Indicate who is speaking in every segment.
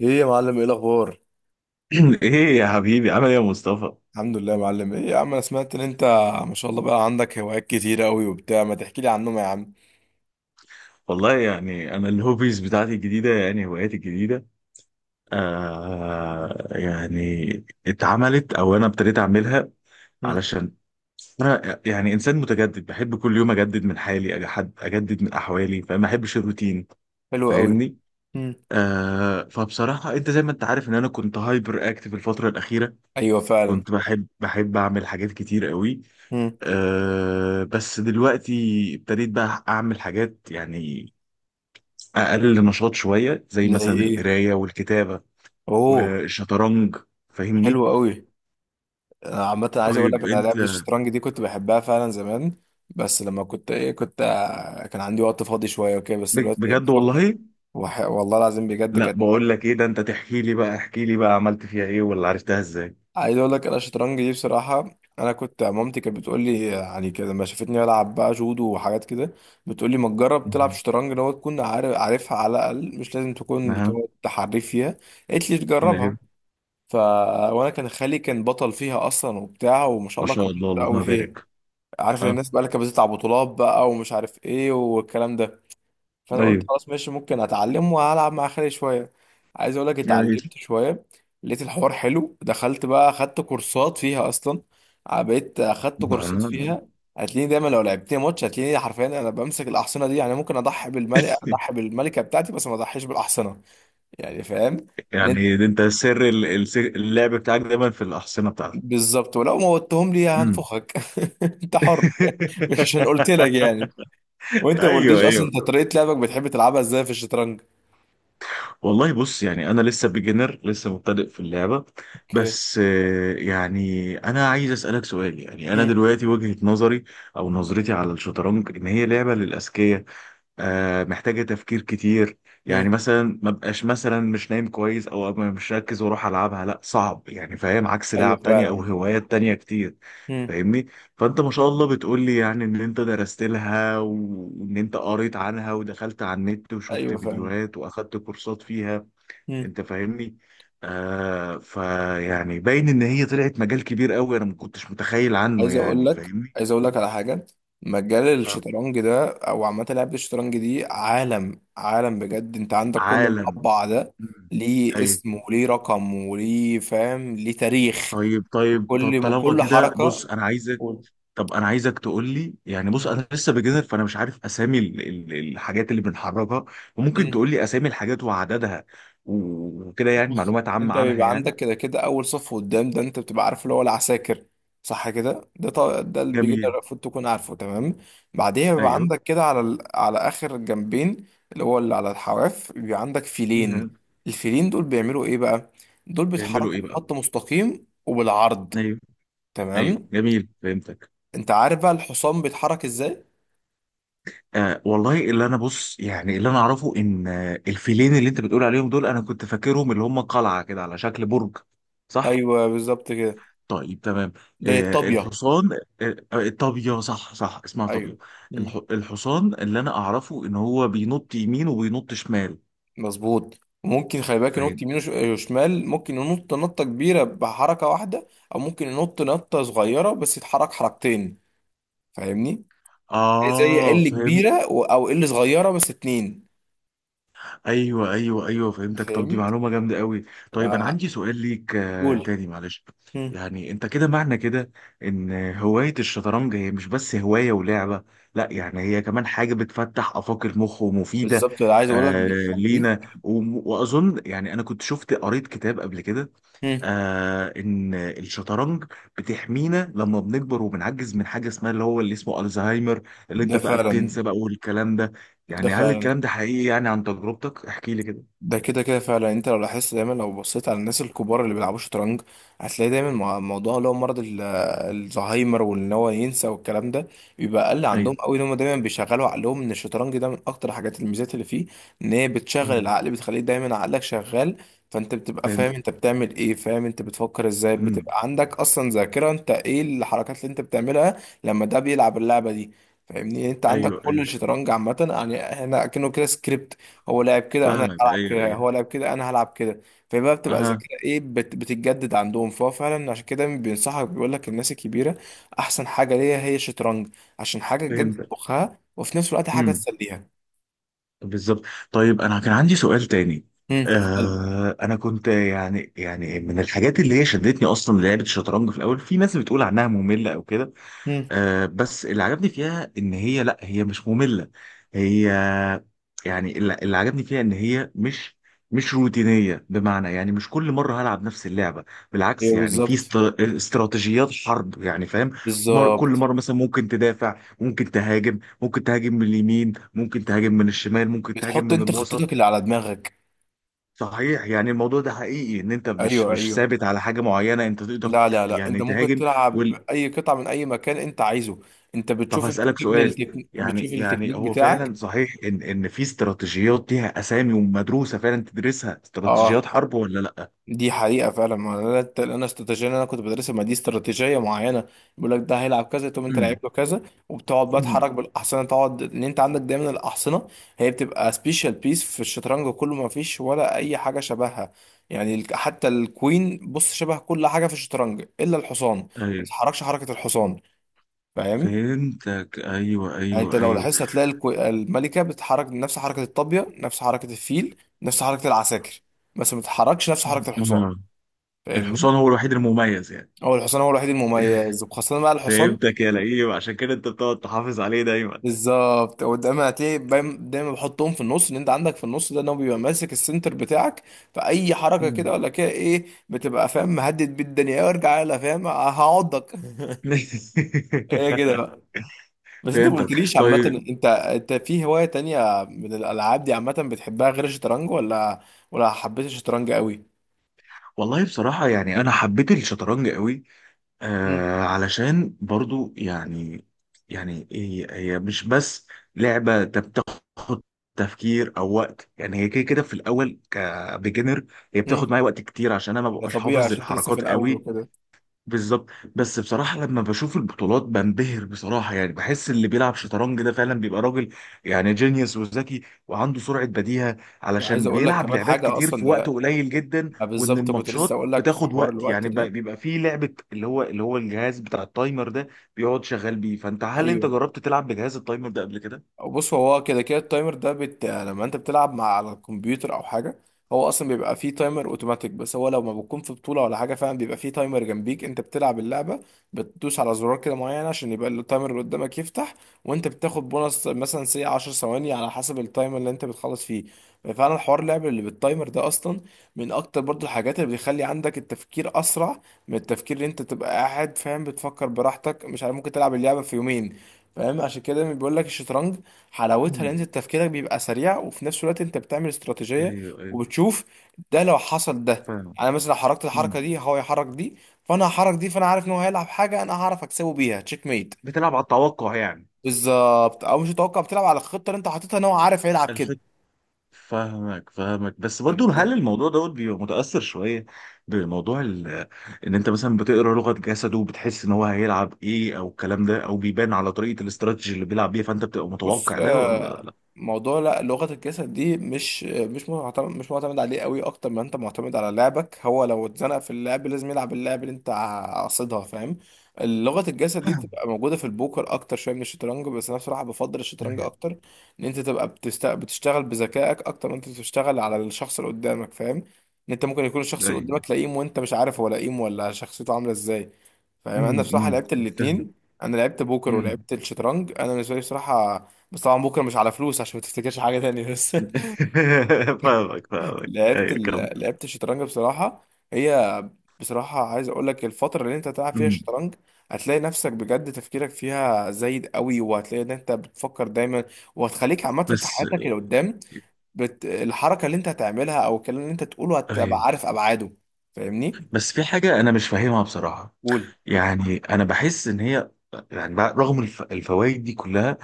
Speaker 1: ايه يا معلم، ايه الاخبار؟
Speaker 2: ايه يا حبيبي، عامل ايه يا مصطفى؟
Speaker 1: الحمد لله يا معلم. ايه يا عم، انا سمعت ان انت ما شاء الله بقى عندك هوايات كتيره قوي وبتاع، ما تحكي لي عنهم يا عم.
Speaker 2: والله يعني انا الهوبيز بتاعتي الجديده، يعني هواياتي الجديده، آه يعني اتعملت، او انا ابتديت اعملها،
Speaker 1: مم.
Speaker 2: علشان انا يعني انسان متجدد، بحب كل يوم اجدد من حالي، اجدد من احوالي، فما احبش الروتين.
Speaker 1: حلو قوي.
Speaker 2: فاهمني؟
Speaker 1: مم.
Speaker 2: فبصراحه انت زي ما انت عارف ان انا كنت هايبر اكتف الفتره الاخيره،
Speaker 1: ايوه فعلا.
Speaker 2: كنت بحب اعمل حاجات كتير قوي.
Speaker 1: مم.
Speaker 2: بس دلوقتي ابتديت بقى اعمل حاجات يعني اقل نشاط شويه، زي
Speaker 1: زي
Speaker 2: مثلا
Speaker 1: ايه؟
Speaker 2: القرايه والكتابه
Speaker 1: اوه،
Speaker 2: والشطرنج. فاهمني؟
Speaker 1: حلو قوي. انا عامه عايز اقول لك،
Speaker 2: طيب
Speaker 1: انا
Speaker 2: انت.
Speaker 1: لعبه الشطرنج دي كنت بحبها فعلا زمان، بس لما كنت ايه، كنت كان عندي وقت فاضي شويه وكده، بس دلوقتي إيه،
Speaker 2: بجد
Speaker 1: بفكر.
Speaker 2: والله.
Speaker 1: والله العظيم بجد
Speaker 2: لا،
Speaker 1: كانت
Speaker 2: بقول
Speaker 1: حاجه.
Speaker 2: لك ايه، ده انت تحكي لي بقى، احكي لي بقى عملت فيها ايه ولا عرفتها ازاي.
Speaker 1: عايز اقول لك انا الشطرنج دي بصراحه، انا كنت مامتي كانت بتقول لي يعني كده لما شافتني بلعب بقى جودو وحاجات كده، بتقول لي ما تجرب تلعب
Speaker 2: مهم.
Speaker 1: شطرنج، لو تكون عارف عارفها على الاقل، مش لازم تكون
Speaker 2: اها.
Speaker 1: بتقعد تحريف فيها. قالت لي تجربها.
Speaker 2: طيب.
Speaker 1: ف وانا كان خالي كان بطل فيها اصلا وبتاع، وما شاء
Speaker 2: ما
Speaker 1: الله
Speaker 2: شاء
Speaker 1: كان
Speaker 2: الله
Speaker 1: شاطر قوي
Speaker 2: اللهم
Speaker 1: فيها.
Speaker 2: بارك.
Speaker 1: عارف
Speaker 2: اه.
Speaker 1: الناس بقى اللي كانت بتطلع بطولات بقى ومش عارف ايه والكلام ده. فانا قلت
Speaker 2: طيب.
Speaker 1: خلاص ماشي، ممكن اتعلم والعب مع خالي شويه. عايز اقول لك
Speaker 2: جميل.
Speaker 1: اتعلمت شويه، لقيت الحوار حلو، دخلت بقى اخدت كورسات فيها اصلا، بقيت اخدت كورسات
Speaker 2: آه.
Speaker 1: فيها. هتلاقيني دايما لو لعبتني ماتش، هتلاقيني حرفيا انا بمسك الاحصنه دي. يعني ممكن اضحي بالملكه، اضحي بالملكه بتاعتي، بس ما اضحيش بالاحصنه. يعني فاهم. لأن-
Speaker 2: يعني ده انت سر اللعب بتاعك دايما في الاحصنه بتاعتك؟
Speaker 1: بالظبط، ولو موتهم لي
Speaker 2: مم.
Speaker 1: هنفخك. انت حر. مش عشان قلت لك يعني. وانت ما
Speaker 2: ايوه
Speaker 1: قلتليش اصلا،
Speaker 2: ايوه.
Speaker 1: انت طريقه لعبك بتحب تلعبها ازاي في الشطرنج؟
Speaker 2: والله بص، يعني انا لسه بيجنر، لسه مبتدئ في اللعبه.
Speaker 1: اوكي.
Speaker 2: بس يعني انا عايز اسالك سؤال. يعني انا
Speaker 1: مم.
Speaker 2: دلوقتي وجهه نظري او نظرتي على الشطرنج ان هي لعبه للاذكياء، محتاجه تفكير كتير.
Speaker 1: مم.
Speaker 2: يعني مثلا ما بقاش مثلا مش نايم كويس او أبقى مش مركز واروح العبها، لا، صعب، يعني فاهم؟ عكس
Speaker 1: ايوه
Speaker 2: لعب تانية او
Speaker 1: فعلا.
Speaker 2: هوايات تانية كتير.
Speaker 1: مم.
Speaker 2: فاهمني؟ فانت ما شاء الله بتقول لي يعني ان انت درست لها، وان انت قريت عنها، ودخلت على النت وشفت
Speaker 1: ايوه فعلا.
Speaker 2: فيديوهات، واخدت كورسات فيها.
Speaker 1: مم.
Speaker 2: انت فاهمني؟ فيعني باين ان هي طلعت مجال كبير قوي، انا ما كنتش متخيل عنه،
Speaker 1: عايز اقول
Speaker 2: يعني
Speaker 1: لك
Speaker 2: فاهمني.
Speaker 1: عايز اقول لك على حاجه. مجال
Speaker 2: آه،
Speaker 1: الشطرنج ده او عامه لعبه الشطرنج دي عالم، عالم بجد. انت عندك كل
Speaker 2: عالم.
Speaker 1: مربع ده
Speaker 2: مم.
Speaker 1: ليه
Speaker 2: ايوه.
Speaker 1: اسم وليه رقم وليه فاهم ليه تاريخ.
Speaker 2: طيب طب
Speaker 1: كل
Speaker 2: طالما
Speaker 1: كل
Speaker 2: كده بص،
Speaker 1: حركه.
Speaker 2: انا عايزك
Speaker 1: قول.
Speaker 2: طب انا عايزك تقول لي، يعني بص
Speaker 1: مم.
Speaker 2: انا لسه بجنر، فانا مش عارف اسامي الحاجات اللي بنحركها، وممكن
Speaker 1: مم.
Speaker 2: تقول لي اسامي الحاجات وعددها وكده يعني
Speaker 1: بص،
Speaker 2: معلومات عامة
Speaker 1: انت
Speaker 2: عنها
Speaker 1: بيبقى
Speaker 2: يعني.
Speaker 1: عندك كده كده اول صف قدام ده انت بتبقى عارف اللي هو العساكر. صح كده. ده ده اللي بيجي ده
Speaker 2: جميل.
Speaker 1: المفروض تكون عارفه تمام. بعديها بيبقى
Speaker 2: ايوه.
Speaker 1: عندك كده على على اخر الجنبين، اللي هو اللي على الحواف، بيبقى عندك فيلين.
Speaker 2: مم.
Speaker 1: الفيلين دول بيعملوا ايه بقى؟ دول
Speaker 2: بيعملوا
Speaker 1: بيتحركوا
Speaker 2: ايه بقى؟
Speaker 1: بخط مستقيم وبالعرض.
Speaker 2: ايوه ايوه،
Speaker 1: تمام.
Speaker 2: جميل، فهمتك.
Speaker 1: انت عارف بقى الحصان بيتحرك ازاي؟
Speaker 2: والله اللي انا بص يعني، اللي انا اعرفه ان الفيلين اللي انت بتقول عليهم دول، انا كنت فاكرهم اللي هم قلعه كده على شكل برج. صح؟
Speaker 1: ايوه بالظبط كده.
Speaker 2: طيب تمام.
Speaker 1: ده
Speaker 2: آه،
Speaker 1: الطابية.
Speaker 2: الحصان. آه آه، الطابية، صح صح، اسمها
Speaker 1: ايوه.
Speaker 2: طابية.
Speaker 1: مم.
Speaker 2: الحصان اللي انا اعرفه ان هو بينط يمين وبينط شمال.
Speaker 1: مظبوط. ممكن خلي بالك، ينط
Speaker 2: فاهم؟
Speaker 1: يمين وشمال. ممكن ينط نطة كبيرة بحركة واحدة، أو ممكن ينط نطة صغيرة بس يتحرك حركتين. فاهمني؟ زي
Speaker 2: اه
Speaker 1: ال
Speaker 2: فهمت.
Speaker 1: كبيرة أو ال صغيرة بس اتنين.
Speaker 2: ايوه ايوه ايوه فهمتك. طب دي
Speaker 1: فهمت.
Speaker 2: معلومه جامده قوي.
Speaker 1: ف-
Speaker 2: طيب انا عندي سؤال ليك
Speaker 1: قول.
Speaker 2: تاني، معلش.
Speaker 1: مم.
Speaker 2: يعني انت كده معنى كده ان هوايه الشطرنج هي مش بس هوايه ولعبه، لا، يعني هي كمان حاجه بتفتح افاق المخ ومفيده
Speaker 1: بالظبط، اللي عايز أقول لك بتخليك.
Speaker 2: لينا. واظن يعني انا كنت قريت كتاب قبل كده،
Speaker 1: مم.
Speaker 2: ان الشطرنج بتحمينا لما بنكبر وبنعجز من حاجه اسمها اللي اسمه الزهايمر، اللي انت
Speaker 1: ده
Speaker 2: بقى
Speaker 1: فعلا.
Speaker 2: بتنسى بقى والكلام ده.
Speaker 1: ده
Speaker 2: يعني هل
Speaker 1: فعلا.
Speaker 2: الكلام ده حقيقي؟ يعني عن تجربتك احكي لي كده.
Speaker 1: ده كده كده فعلا. يعني انت لو لاحظت دايما لو بصيت على الناس الكبار اللي بيلعبوا شطرنج، هتلاقي دايما موضوع اللي هو مرض الزهايمر وان هو ينسى والكلام ده بيبقى اقل عندهم
Speaker 2: ايوه.
Speaker 1: قوي. ان هم دايما بيشغلوا عقلهم، ان الشطرنج ده من اكتر حاجات الميزات اللي فيه ان هي بتشغل
Speaker 2: امم.
Speaker 1: العقل، بتخليه دايما عقلك شغال. فانت بتبقى فاهم
Speaker 2: فهمت.
Speaker 1: انت بتعمل ايه، فاهم انت بتفكر ازاي،
Speaker 2: امم.
Speaker 1: بتبقى عندك اصلا ذاكرة انت ايه الحركات اللي انت بتعملها لما ده بيلعب اللعبة دي. فاهمني. يعني انت عندك
Speaker 2: ايوه
Speaker 1: كل
Speaker 2: ايوه
Speaker 1: الشطرنج عامة، يعني هنا كأنه كده سكريبت. هو لعب كده، انا
Speaker 2: فاهمك.
Speaker 1: هلعب
Speaker 2: ايوه
Speaker 1: كده،
Speaker 2: ايوه.
Speaker 1: هو لعب كده، انا هلعب كده. فبقى بتبقى
Speaker 2: اها.
Speaker 1: ذاكره ايه، بتتجدد عندهم. فهو فعلا عشان كده بينصحك، بيقول لك الناس الكبيره احسن حاجه ليها هي الشطرنج، عشان حاجه تجدد
Speaker 2: فهمت.
Speaker 1: مخها، وفي نفس الوقت حاجه
Speaker 2: امم.
Speaker 1: تسليها.
Speaker 2: بالظبط. طيب انا كان عندي سؤال تاني.
Speaker 1: امم. حلو.
Speaker 2: انا كنت يعني، من الحاجات اللي هي شدتني اصلا لعبه الشطرنج في الاول، في ناس بتقول عنها ممله او كده،
Speaker 1: امم.
Speaker 2: بس اللي عجبني فيها ان هي لا، هي مش مملة. هي يعني اللي عجبني فيها ان هي مش روتينية، بمعنى يعني مش كل مرة هلعب نفس اللعبة. بالعكس
Speaker 1: ايوه
Speaker 2: يعني في
Speaker 1: بالظبط.
Speaker 2: استراتيجيات حرب، يعني فاهم؟ كل
Speaker 1: بالظبط،
Speaker 2: مرة مثلا ممكن تدافع، ممكن تهاجم، ممكن تهاجم من اليمين، ممكن تهاجم من الشمال، ممكن تهاجم
Speaker 1: بتحط
Speaker 2: من
Speaker 1: انت خطتك
Speaker 2: الوسط.
Speaker 1: اللي على دماغك.
Speaker 2: صحيح، يعني الموضوع ده حقيقي، ان انت
Speaker 1: ايوه
Speaker 2: مش
Speaker 1: ايوه
Speaker 2: ثابت على حاجة معينة، انت تقدر
Speaker 1: لا لا لا انت
Speaker 2: يعني
Speaker 1: ممكن
Speaker 2: تهاجم.
Speaker 1: تلعب اي قطعه من اي مكان انت عايزه. انت
Speaker 2: طب
Speaker 1: بتشوف، انت
Speaker 2: هسألك سؤال.
Speaker 1: بتشوف
Speaker 2: يعني
Speaker 1: التكنيك
Speaker 2: هو فعلا
Speaker 1: بتاعك.
Speaker 2: صحيح ان في استراتيجيات ليها اسامي ومدروسه فعلا تدرسها،
Speaker 1: اه،
Speaker 2: استراتيجيات حرب ولا لا؟
Speaker 1: دي حقيقة فعلا. ما انا انا استراتيجية اللي انا كنت بدرسها، ما دي استراتيجية معينة. بيقول لك ده هيلعب كذا، تقوم انت لعيب
Speaker 2: أمم.
Speaker 1: له كذا. وبتقعد بقى
Speaker 2: أمم.
Speaker 1: تحرك بالاحصنة، تقعد ان انت عندك دايما الاحصنة هي بتبقى سبيشال بيس في الشطرنج كله، ما فيش ولا اي حاجة شبهها. يعني حتى الكوين، بص شبه كل حاجة في الشطرنج الا الحصان، ما
Speaker 2: ايوه.
Speaker 1: بتتحركش حركة الحصان. فاهم.
Speaker 2: فهمتك. ايوه
Speaker 1: يعني انت
Speaker 2: ايوه
Speaker 1: مم. لو
Speaker 2: ايوه.
Speaker 1: لاحظت هتلاقي الملكة بتتحرك نفس حركة الطابية، نفس حركة الفيل، نفس حركة العساكر، بس ما بتتحركش نفس حركة الحصان.
Speaker 2: أمم.
Speaker 1: فاهمني.
Speaker 2: الحصان هو الوحيد المميز يعني؟
Speaker 1: هو الحصان هو الوحيد المميز، وخاصة بقى الحصان.
Speaker 2: فهمتك يا لئيم، عشان كده انت بتقعد تحافظ عليه دايما.
Speaker 1: بالظبط، ودايما هتلاقي دايما بحطهم في النص، ان انت عندك في النص ده ان هو بيبقى ماسك السنتر بتاعك. فاي حركة
Speaker 2: أمم.
Speaker 1: كده ولا كده ايه، بتبقى فاهم مهدد بيه الدنيا، وارجع يلا فاهم، هعضك. هي كده بقى. بس انت ما
Speaker 2: فهمتك،
Speaker 1: قلتليش عامة،
Speaker 2: طيب.
Speaker 1: انت في هواية تانية من الالعاب دي عامة بتحبها غير الشطرنج، ولا ولا حبيت الشطرنج قوي؟
Speaker 2: والله بصراحة يعني أنا حبيت الشطرنج قوي،
Speaker 1: امم.
Speaker 2: علشان برضو يعني، هي مش بس لعبة بتاخد تفكير او وقت. يعني هي كده كده في الاول كبيجنر، هي بتاخد
Speaker 1: امم.
Speaker 2: معايا وقت كتير عشان انا ما
Speaker 1: ده
Speaker 2: ببقاش
Speaker 1: طبيعي،
Speaker 2: حافظ
Speaker 1: عشان انت لسه في
Speaker 2: الحركات
Speaker 1: الاول
Speaker 2: قوي.
Speaker 1: وكده.
Speaker 2: بالظبط. بس بصراحة لما بشوف البطولات بنبهر بصراحة، يعني بحس اللي بيلعب شطرنج ده فعلا بيبقى راجل، يعني جينيوس وذكي، وعنده سرعة بديهة،
Speaker 1: وعايز
Speaker 2: علشان
Speaker 1: اقول لك
Speaker 2: بيلعب
Speaker 1: كمان
Speaker 2: لعبات
Speaker 1: حاجة
Speaker 2: كتير
Speaker 1: اصلا
Speaker 2: في وقت
Speaker 1: ده،
Speaker 2: قليل جدا.
Speaker 1: ما
Speaker 2: وإن
Speaker 1: بالظبط كنت لسه
Speaker 2: الماتشات
Speaker 1: اقول لك في
Speaker 2: بتاخد
Speaker 1: حوار
Speaker 2: وقت،
Speaker 1: الوقت
Speaker 2: يعني
Speaker 1: ده.
Speaker 2: بيبقى فيه لعبة، اللي هو الجهاز بتاع التايمر ده بيقعد شغال بيه. هل أنت
Speaker 1: ايوه.
Speaker 2: جربت تلعب بجهاز التايمر ده قبل كده؟
Speaker 1: بص، هو كده كده التايمر ده لما انت بتلعب مع على الكمبيوتر او حاجه، هو اصلا بيبقى فيه تايمر اوتوماتيك. بس هو لو ما بتكون في بطوله ولا حاجه، فعلا بيبقى فيه تايمر جنبيك انت بتلعب اللعبه، بتدوس على زرار كده معين عشان يبقى التايمر اللي قدامك يفتح. وانت بتاخد بونص مثلا سي 10 ثواني على حسب التايمر اللي انت بتخلص فيه. فعلا حوار اللعب اللي بالتايمر ده اصلا من اكتر برضو الحاجات اللي بتخلي عندك التفكير اسرع، من التفكير اللي انت تبقى قاعد فاهم بتفكر براحتك مش عارف ممكن تلعب اللعبه في يومين. فاهم. عشان كده بيقول لك الشطرنج حلاوتها، لان
Speaker 2: أمم.
Speaker 1: انت تفكيرك بيبقى سريع، وفي نفس الوقت انت بتعمل استراتيجيه
Speaker 2: ايوه ايوه.
Speaker 1: وبتشوف. ده لو حصل ده،
Speaker 2: فاهم.
Speaker 1: انا مثلا لو حركت
Speaker 2: أمم.
Speaker 1: الحركه دي هو يحرك دي، فانا هحرك دي، فانا عارف ان هو هيلعب حاجه انا هعرف اكسبه بيها تشيك ميت.
Speaker 2: بتلعب على التوقع يعني؟
Speaker 1: بالظبط، او مش متوقع، بتلعب على الخطه اللي انت حاططها ان هو عارف هيلعب كده.
Speaker 2: فاهمك فاهمك. بس برضو هل
Speaker 1: فهمتني.
Speaker 2: الموضوع دوت بيبقى متأثر شوية بموضوع ان انت مثلا بتقرا لغة جسده وبتحس ان هو هيلعب ايه، او الكلام ده، او بيبان على طريقة الاستراتيجي اللي بيلعب بيها، فانت بتبقى
Speaker 1: بص
Speaker 2: متوقع ده ولا لا؟
Speaker 1: موضوع لا، لغة الجسد دي مش معتمد عليه قوي اكتر ما انت معتمد على لعبك. هو لو اتزنق في اللعب لازم يلعب اللعب اللي انت قاصدها، فاهم. لغة الجسد دي بتبقى موجودة في البوكر اكتر شوية من الشطرنج، بس انا بصراحة بفضل الشطرنج
Speaker 2: ايوه
Speaker 1: اكتر. ان انت تبقى بتشتغل بذكائك اكتر ما انت بتشتغل على الشخص اللي قدامك. فاهم، ان انت ممكن يكون الشخص اللي
Speaker 2: ايوه.
Speaker 1: قدامك لئيم وانت مش عارف هو لئيم ولا شخصيته عاملة ازاي. فاهم. انا
Speaker 2: امم.
Speaker 1: بصراحة
Speaker 2: أمم،
Speaker 1: لعبت
Speaker 2: فاهم.
Speaker 1: الاتنين، انا لعبت بوكر
Speaker 2: أمم.
Speaker 1: ولعبت الشطرنج. انا بالنسبة لي بصراحة، بس طبعا بكره مش على فلوس عشان ما تفتكرش حاجه تانية، بس.
Speaker 2: فاهمك فاهمك، ايوه.
Speaker 1: لعبت الشطرنج بصراحه، هي بصراحه عايز اقول لك، الفتره اللي انت تلعب فيها
Speaker 2: أمم.
Speaker 1: الشطرنج هتلاقي نفسك بجد تفكيرك فيها زايد قوي، وهتلاقي ان انت بتفكر دايما. وهتخليك عامه في
Speaker 2: بس
Speaker 1: حياتك اللي قدام، الحركه اللي انت هتعملها او الكلام اللي انت تقوله هتبقى
Speaker 2: ايوه،
Speaker 1: عارف ابعاده. فاهمني.
Speaker 2: بس في حاجة أنا مش فاهمها بصراحة.
Speaker 1: قول.
Speaker 2: يعني أنا بحس إن هي يعني، رغم الفوائد دي كلها،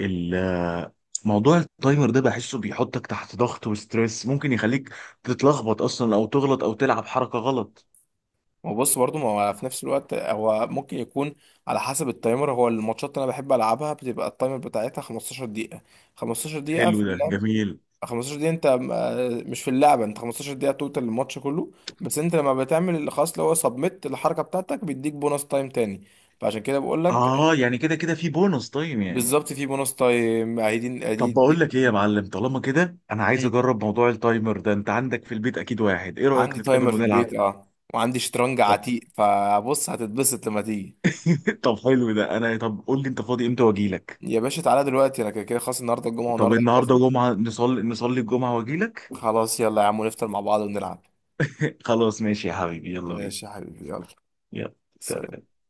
Speaker 2: ال- موضوع التايمر ده بحسه بيحطك تحت ضغط وستريس، ممكن يخليك تتلخبط اصلا او تغلط او تلعب حركة غلط.
Speaker 1: هو بص، برضه ما هو في نفس الوقت، هو ممكن يكون على حسب التايمر. هو الماتشات اللي انا بحب العبها بتبقى التايمر بتاعتها 15 دقيقة. 15 دقيقة
Speaker 2: حلو،
Speaker 1: في
Speaker 2: ده
Speaker 1: اللعبة.
Speaker 2: جميل.
Speaker 1: 15 دقيقة انت مش في اللعبة، انت 15 دقيقة توتال الماتش كله. بس انت لما بتعمل اللي خلاص اللي هو سبميت الحركة بتاعتك بيديك بونص تايم تاني، فعشان كده بقول لك.
Speaker 2: اه، يعني كده كده في بونص تايم يعني.
Speaker 1: بالظبط، في بونص تايم، قاعدين
Speaker 2: طب
Speaker 1: قاعدين
Speaker 2: بقول لك ايه يا معلم، طالما كده انا عايز
Speaker 1: مم.
Speaker 2: اجرب موضوع التايمر ده، انت عندك في البيت اكيد واحد، ايه رأيك
Speaker 1: عندي
Speaker 2: نتقابل
Speaker 1: تايمر في
Speaker 2: ونلعب؟
Speaker 1: البيت اه، وعندي شطرنج
Speaker 2: طب
Speaker 1: عتيق، فبص هتتبسط لما تيجي.
Speaker 2: طب حلو ده. طب قول لي انت فاضي امتى واجي لك.
Speaker 1: يا باشا تعالى دلوقتي، انا كده كده خلاص، النهارده الجمعة
Speaker 2: طب
Speaker 1: والنهارده.
Speaker 2: النهارده جمعة، نصلي الجمعة واجي لك.
Speaker 1: خلاص يلا يا عم، نفطر مع بعض ونلعب.
Speaker 2: خلاص ماشي يا حبيبي، يلا بينا.
Speaker 1: ماشي يا حبيبي، يلا.
Speaker 2: يلا.
Speaker 1: سلام.
Speaker 2: سلام.